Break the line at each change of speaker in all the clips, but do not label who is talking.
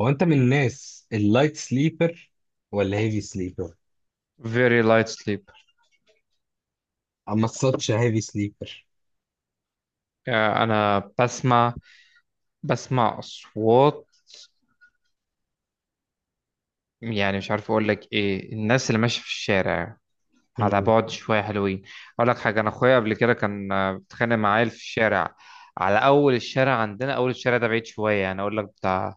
هو انت من الناس اللايت سليبر ولا هيفي سليبر؟
very light sleep.
اما تصدش هيفي سليبر.
آه، انا بسمع. بسمع اصوات، يعني مش عارف اقول لك ايه الناس اللي ماشيه في الشارع على
مم.
بعد شويه حلوين. اقول لك حاجه، انا اخويا قبل كده كان بيتخانق مع عيل في الشارع، على اول الشارع عندنا، اول الشارع ده بعيد شويه، يعني اقول لك بتاع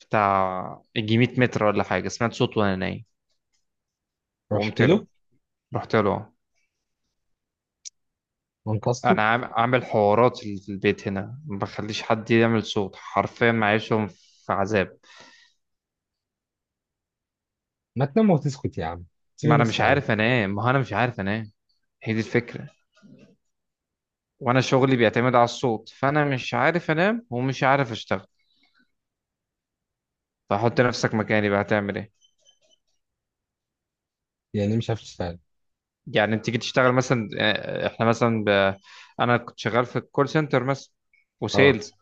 يجي 100 متر ولا حاجه. سمعت صوت وانا نايم وقمت
رحت له
له، رحت له.
وانقذته.
انا عامل حوارات في البيت، هنا ما بخليش حد يعمل صوت، حرفيا معيشهم في عذاب.
ما تنام وتسكت يا عم، سيب
ما انا
الناس
مش
في حالها.
عارف انام، ما هو انا مش عارف انام، هي دي الفكره. وانا شغلي بيعتمد على الصوت، فانا مش عارف انام ومش عارف اشتغل، فحط نفسك مكاني بقى هتعمل ايه؟
يعني إيه مش عارف تشتغل؟
يعني انت تيجي تشتغل مثلا، احنا مثلا انا كنت شغال في الكول سنتر مثلا،
اه.
وسيلز.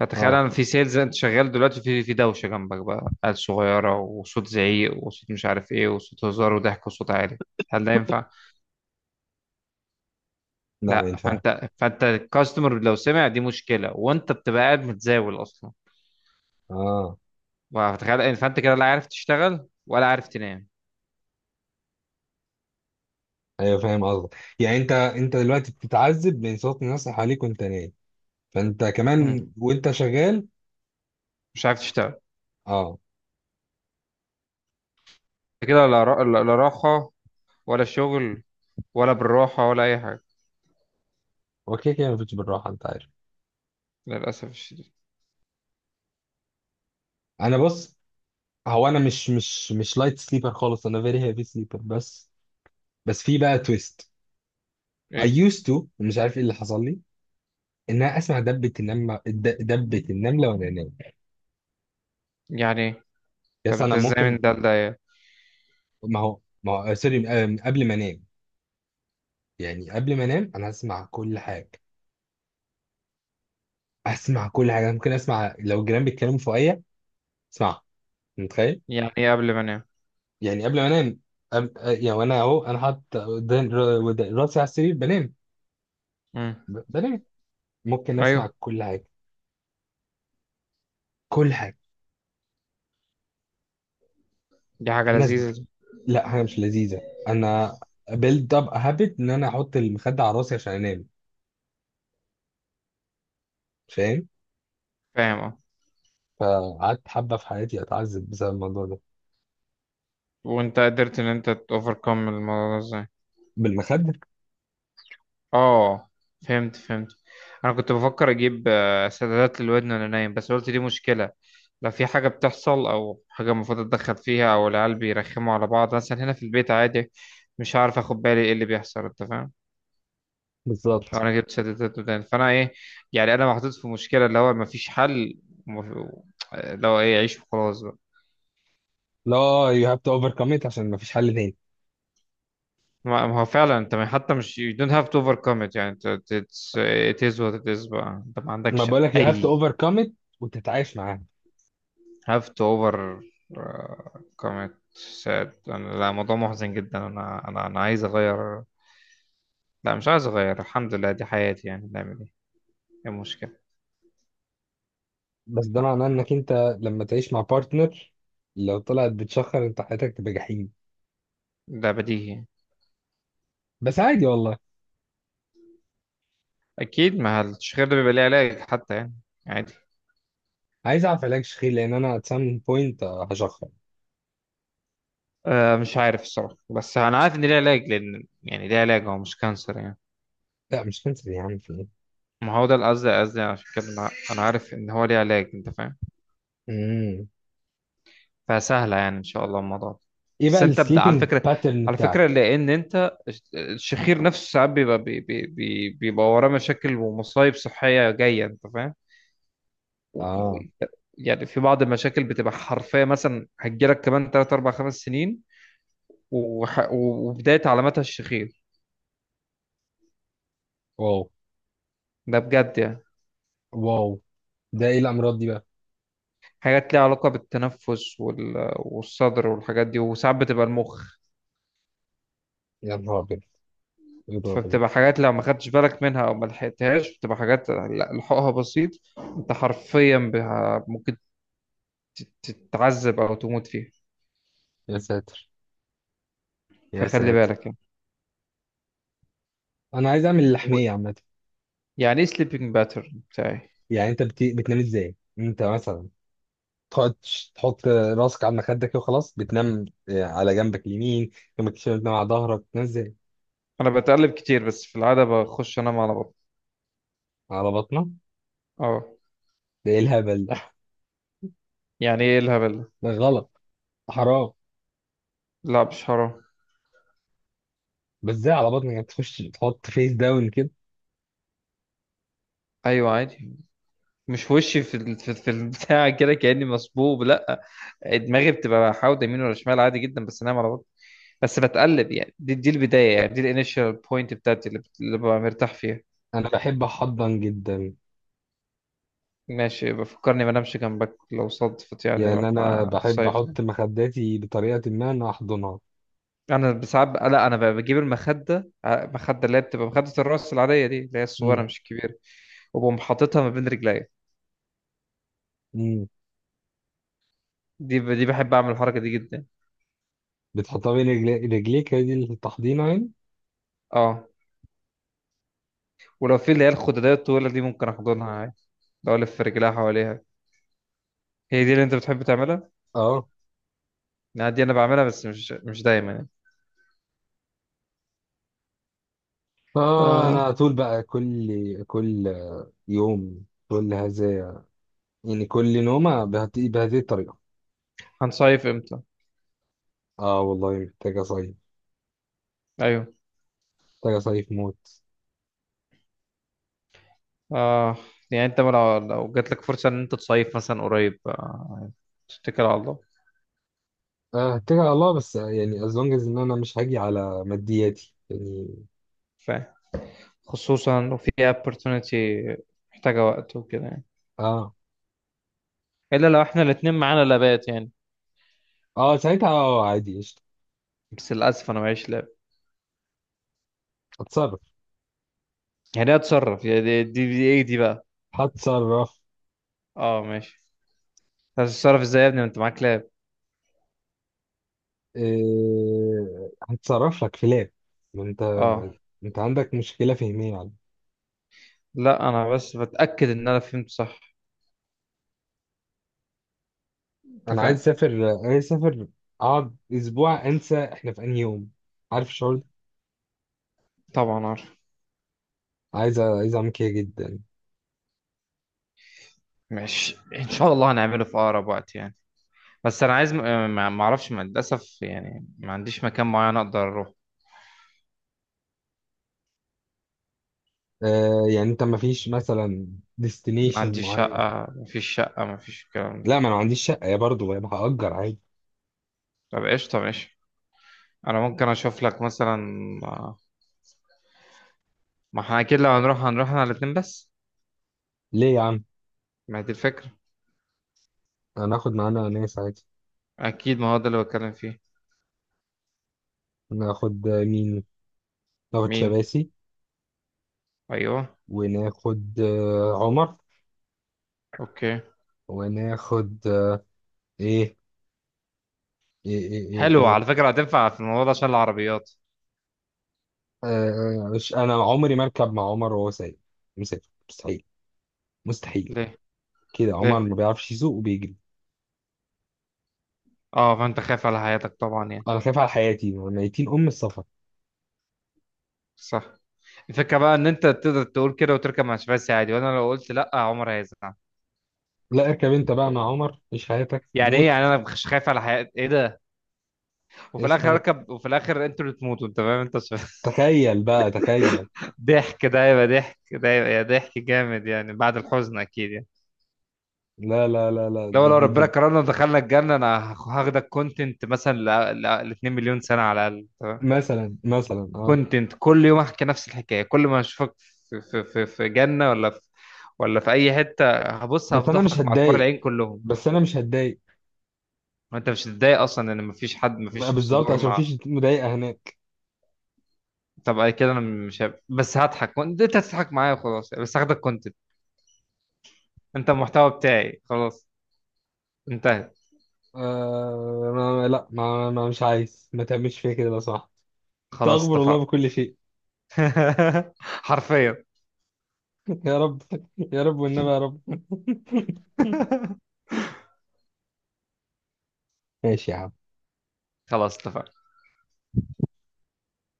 فتخيل
اه.
انا في سيلز، انت شغال دلوقتي في دوشه جنبك بقى، عيال صغيره وصوت زعيق وصوت مش عارف ايه وصوت هزار وضحك وصوت عالي، هل ده ينفع؟
لا، ما
لا،
ينفعش.
فانت الكاستمر لو سمع، دي مشكله، وانت بتبقى قاعد متزاول اصلا.
اه.
فتخيل، فانت كده لا عارف تشتغل ولا عارف تنام.
ايوه، فاهم قصدك. يعني انت دلوقتي بتتعذب من صوت الناس اللي حواليك وانت نايم، فانت
مم.
كمان وانت شغال.
مش عارف تشتغل.
اه.
انت كده لا راحة ولا شغل ولا بالراحة ولا أي حاجة،
اوكي، كده ما فيش بالراحه، انت عارف.
للأسف الشديد.
انا بص، هو انا مش لايت سليبر خالص، انا فيري هيفي سليبر. بس بس في بقى تويست. I
إيه؟
used to، مش عارف ايه اللي حصل لي. ان انا اسمع دبة النملة دبة النملة وانا نايم.
يعني إيه؟ طب
بس
أنت
انا
إزاي من
ممكن.
ده لده يعني؟
ما هو سوري، قبل ما انام، يعني قبل ما انام انا اسمع كل حاجة. اسمع كل حاجة، ممكن اسمع لو الجيران بيتكلموا فوقيا، اسمعها. متخيل؟
يعني إيه قبل ما أنام؟
يعني قبل ما انام أب... آه، يعني وانا اهو انا حاطط ودان- راسي على السرير بنام.
مم.
بنام. ممكن اسمع
أيوه.
كل حاجة، كل حاجة.
دي حاجة
الناس
لذيذة دي.
لا، حاجة مش لذيذة. انا build up a habit ان انا احط المخدة على راسي عشان انام، فاهم؟
فاهم أه.
فقعدت حبة في حياتي أتعذب بسبب الموضوع ده.
وأنت قدرت إن أنت تأوفركم الموضوع ده إزاي؟
بالمخدة.
اه، فهمت فهمت. انا كنت بفكر اجيب سدادات للودن وانا نايم، بس قلت دي مشكله، لو في حاجه بتحصل او حاجه المفروض اتدخل فيها، او العيال بيرخموا على بعض مثلا هنا في البيت عادي، مش هعرف اخد بالي ايه اللي بيحصل، انت فاهم؟ لو
بالظبط.
انا جبت سدادات ودان فانا ايه؟ يعني انا محطوط في مشكله اللي هو مفيش حل، ومف- لو ايه عيش وخلاص بقى.
لا، you have to overcome it عشان مفيش حل تاني.
ما هو فعلا انت، حتى مش you don't have to overcome it، يعني it's- it is what it is بقى، انت ما
ما
عندكش
بقولك you have to
اي.
overcome it وتتعايش معاها.
have to over commit sad. أنا لا، موضوع محزن جدا، أنا عايز أغير، لا مش عايز أغير، الحمد لله دي حياتي، يعني نعمل إيه؟ إيه المشكلة؟
بس ده معناه
الح-
إنك أنت لما تعيش مع بارتنر، لو طلعت بتشخر أنت حياتك تبقى جحيم.
ده بديهي.
بس عادي والله.
أكيد، ما التشغيل ده بيبقى ليه علاج حتى يعني، عادي.
عايز أعرف علاج شخير، لأن أنا at some point هشخر.
أه، مش عارف الصراحة، بس أنا عارف إن ليه علاج، لأن يعني ليه علاج، هو مش كانسر يعني.
لا مش كانسر يا عم، في إيه؟
ما هو ده القصد، قصدي عشان كده أنا عارف إن هو ليه علاج، أنت فاهم؟
مم.
فسهلة يعني إن شاء الله الموضوع ده.
إيه بقى
بس أنت ابدأ على
السليبنج
فكرة،
باترن
على فكرة،
بتاعك؟
لأن أنت الشخير نفسه ساعات بيبقى، بيبقى وراه مشاكل ومصايب صحية جاية، أنت فاهم؟ و-
آه.
و- يعني في بعض المشاكل بتبقى حرفية، مثلا هتجيلك كمان 3 4 5 سنين، وبداية علاماتها الشخير،
واو.
ده بجد يعني.
واو. ده إيه الأمراض دي بقى؟
حاجات ليها علاقة بالتنفس والصدر والحاجات دي، وساعات بتبقى المخ،
يا نهار أبيض، إيه الرعب ده؟
فبتبقى حاجات لو ما خدتش بالك منها او ما لحقتهاش بتبقى حاجات لحقها بسيط، انت حرفيا بها ممكن تتعذب او تموت فيها،
يا ساتر. يا
فخلي
ساتر،
بالك يعني.
انا عايز اعمل
و-
اللحميه عامه.
يعني ايه سليبنج باترن بتاعي؟
يعني انت بتنام ازاي انت مثلا؟ تقعد تحط راسك على مخدك كده وخلاص بتنام على جنبك اليمين، جنبك الشمال، بتنام على ظهرك، بتنام ازاي؟
انا بتقلب كتير، بس في العاده بخش انام على بطني.
على بطنك؟
اه.
ده ايه الهبل ده؟
يعني ايه الهبل ده؟
ده غلط، حرام.
لا مش حرام.
بس ازاي على بطنك، يعني تخش تحط فيس داون كده؟
ايوه عادي، مش وشي في في البتاع كده كاني مصبوب، لا دماغي بتبقى حاوده يمين ولا شمال، عادي جدا، بس انام على بطني، بس بتقلب. يعني دي البدايه، يعني دي الانيشال بوينت بتاعتي، اللي ببقى مرتاح فيها.
انا بحب احضن جدا.
ماشي، بفكرني ما انامش جنبك لو صدفت يعني
يعني انا
واحنا
بحب
صيفنا.
احط مخداتي بطريقه ما انا احضنها.
انا ساعات لا، انا بجيب مخده، اللي هي بتبقى مخده الراس العاديه دي، اللي هي الصغيره
امم.
مش الكبيره، وبقوم حاططها ما بين رجليا.
امم.
دي بحب اعمل الحركه دي جدا.
بتحطها بين رجليك، هي دي التحضينه يعني؟
اه، ولو في اللي هي الخداديه الطويله دي ممكن احضنها عادي، لو الف رجليها حواليها. هي دي اللي انت بتحب تعملها.
اه.
لا، دي انا بعملها، بس مش دايما يعني.
اه،
آه،
انا على طول بقى كل يوم، كل هذا، يعني كل نومة بهذه بهذه الطريقة.
هنصيف امتى؟
اه والله محتاج اصيف،
ايوه.
محتاج اصيف موت.
اه، يعني انت لو جات لك فرصه ان انت تصيف مثلا قريب، تتكل على الله.
آه، هتكل على الله بس، يعني as long as ان انا مش هاجي على مادياتي يعني.
فاهم، خصوصا لو في opportunity محتاجة وقت وكده يعني،
اه.
إلا لو إحنا الاتنين معانا لابات يعني،
اه، ساعتها اه عادي، قشطة.
بس للأسف أنا معيش لاب.
هتصرف.
يعني إيه أتصرف؟ يعني دي إيه دي بقى؟
هتصرف.
أه ماشي. هتتصرف إزاي يا ابني، ما أنت معاك لاب.
إيه، هتصرف لك في لاب. ما انت،
أه.
انت عندك مشكلة فهمية يعني.
لا، أنا بس بتأكد إن أنا فهمت صح، أنت
انا عايز
فاهم.
اسافر، عايز اسافر، اقعد اسبوع انسى احنا في انهي يوم. عارف الشعور ده؟
طبعا عارف.
عايز عايز اعمل كده جدا.
ماشي إن شاء الله هنعمله في أقرب وقت يعني، بس أنا عايز ما أعرفش، للأسف يعني ما عنديش مكان معين أقدر أروح.
آه يعني انت ما فيش مثلا
ما
ديستنيشن
عنديش
معين؟
شقة، ما فيش شقة، ما فيش الكلام ده.
لا، ما انا ما عنديش شقه يا، برضه يبقى هأجر عادي.
طب قشطة ماشي، انا ممكن اشوف لك مثلا، ما احنا اكيد لو هنروح هنروح احنا الاتنين بس،
ليه يا عم؟
ما هي دي الفكرة،
انا هاخد معانا ناس عادي.
اكيد ما هو ده اللي بتكلم فيه.
ناخد مين؟ ناخد
مين؟
شباسي.
ايوه.
وناخد عمر.
اوكي.
وناخد ايه؟ ايه ايه ايه, إيه.
حلو
إيه،
على فكرة، هتنفع في الموضوع ده عشان العربيات.
آه، مش انا عمري ما اركب مع عمر وهو سايق مسافر، مستحيل. مستحيل.
ليه؟
كده عمر
ليه؟
ما بيعرفش يسوق وبيجري.
اه، فانت خايف على حياتك طبعا يعني،
انا خايف على حياتي ميتين ام السفر.
صح. الفكرة بقى ان انت تقدر تقول كده وتركب مع شباسي عادي، وانا لو قلت لا عمر هيزعل.
لا اركب انت بقى مع عمر، عيش حياتك
يعني ايه، يعني
موت.
انا مش خايف على حياتي، ايه ده؟ وفي الاخر اركب، وفي الاخر انتوا اللي تموتوا، انت فاهم، انت شباسي.
تخيل بقى، تخيل.
ضحك ده هيبقى، ضحك ده هيبقى يا ضحك جامد يعني، بعد الحزن اكيد يعني.
لا لا لا لا،
لو
دي
لو
دي
ربنا
دي.
كرمنا ودخلنا الجنه، انا هاخدك كونتنت مثلا 2 مليون سنه على الاقل، تمام.
مثلا، مثلا اه.
كونتنت كل يوم احكي نفس الحكايه، كل ما اشوفك في جنه ولا في، ولا في اي حته، هبص
بس انا مش
هفضحك مع الحور
هتضايق،
العين كلهم.
بس انا مش هتضايق.
وانت مش هتتضايق اصلا، ان مفيش حد، مفيش
بقى
في
بالظبط، عشان
صدورنا.
مفيش مضايقه هناك.
طب أي كده، انا مش هب... بس هضحك وانت هتضحك معايا وخلاص، بس هاخدك كونتنت، انت المحتوى بتاعي، خلاص انتهت.
آه، ما مش عايز، ما تعملش فيا كده لو سمحت.
خلاص
استغفر
اتفقنا.
الله بكل شيء.
حرفيا.
يا رب. يا رب والنبي يا رب. ماشي يا عم.
خلاص اتفقنا.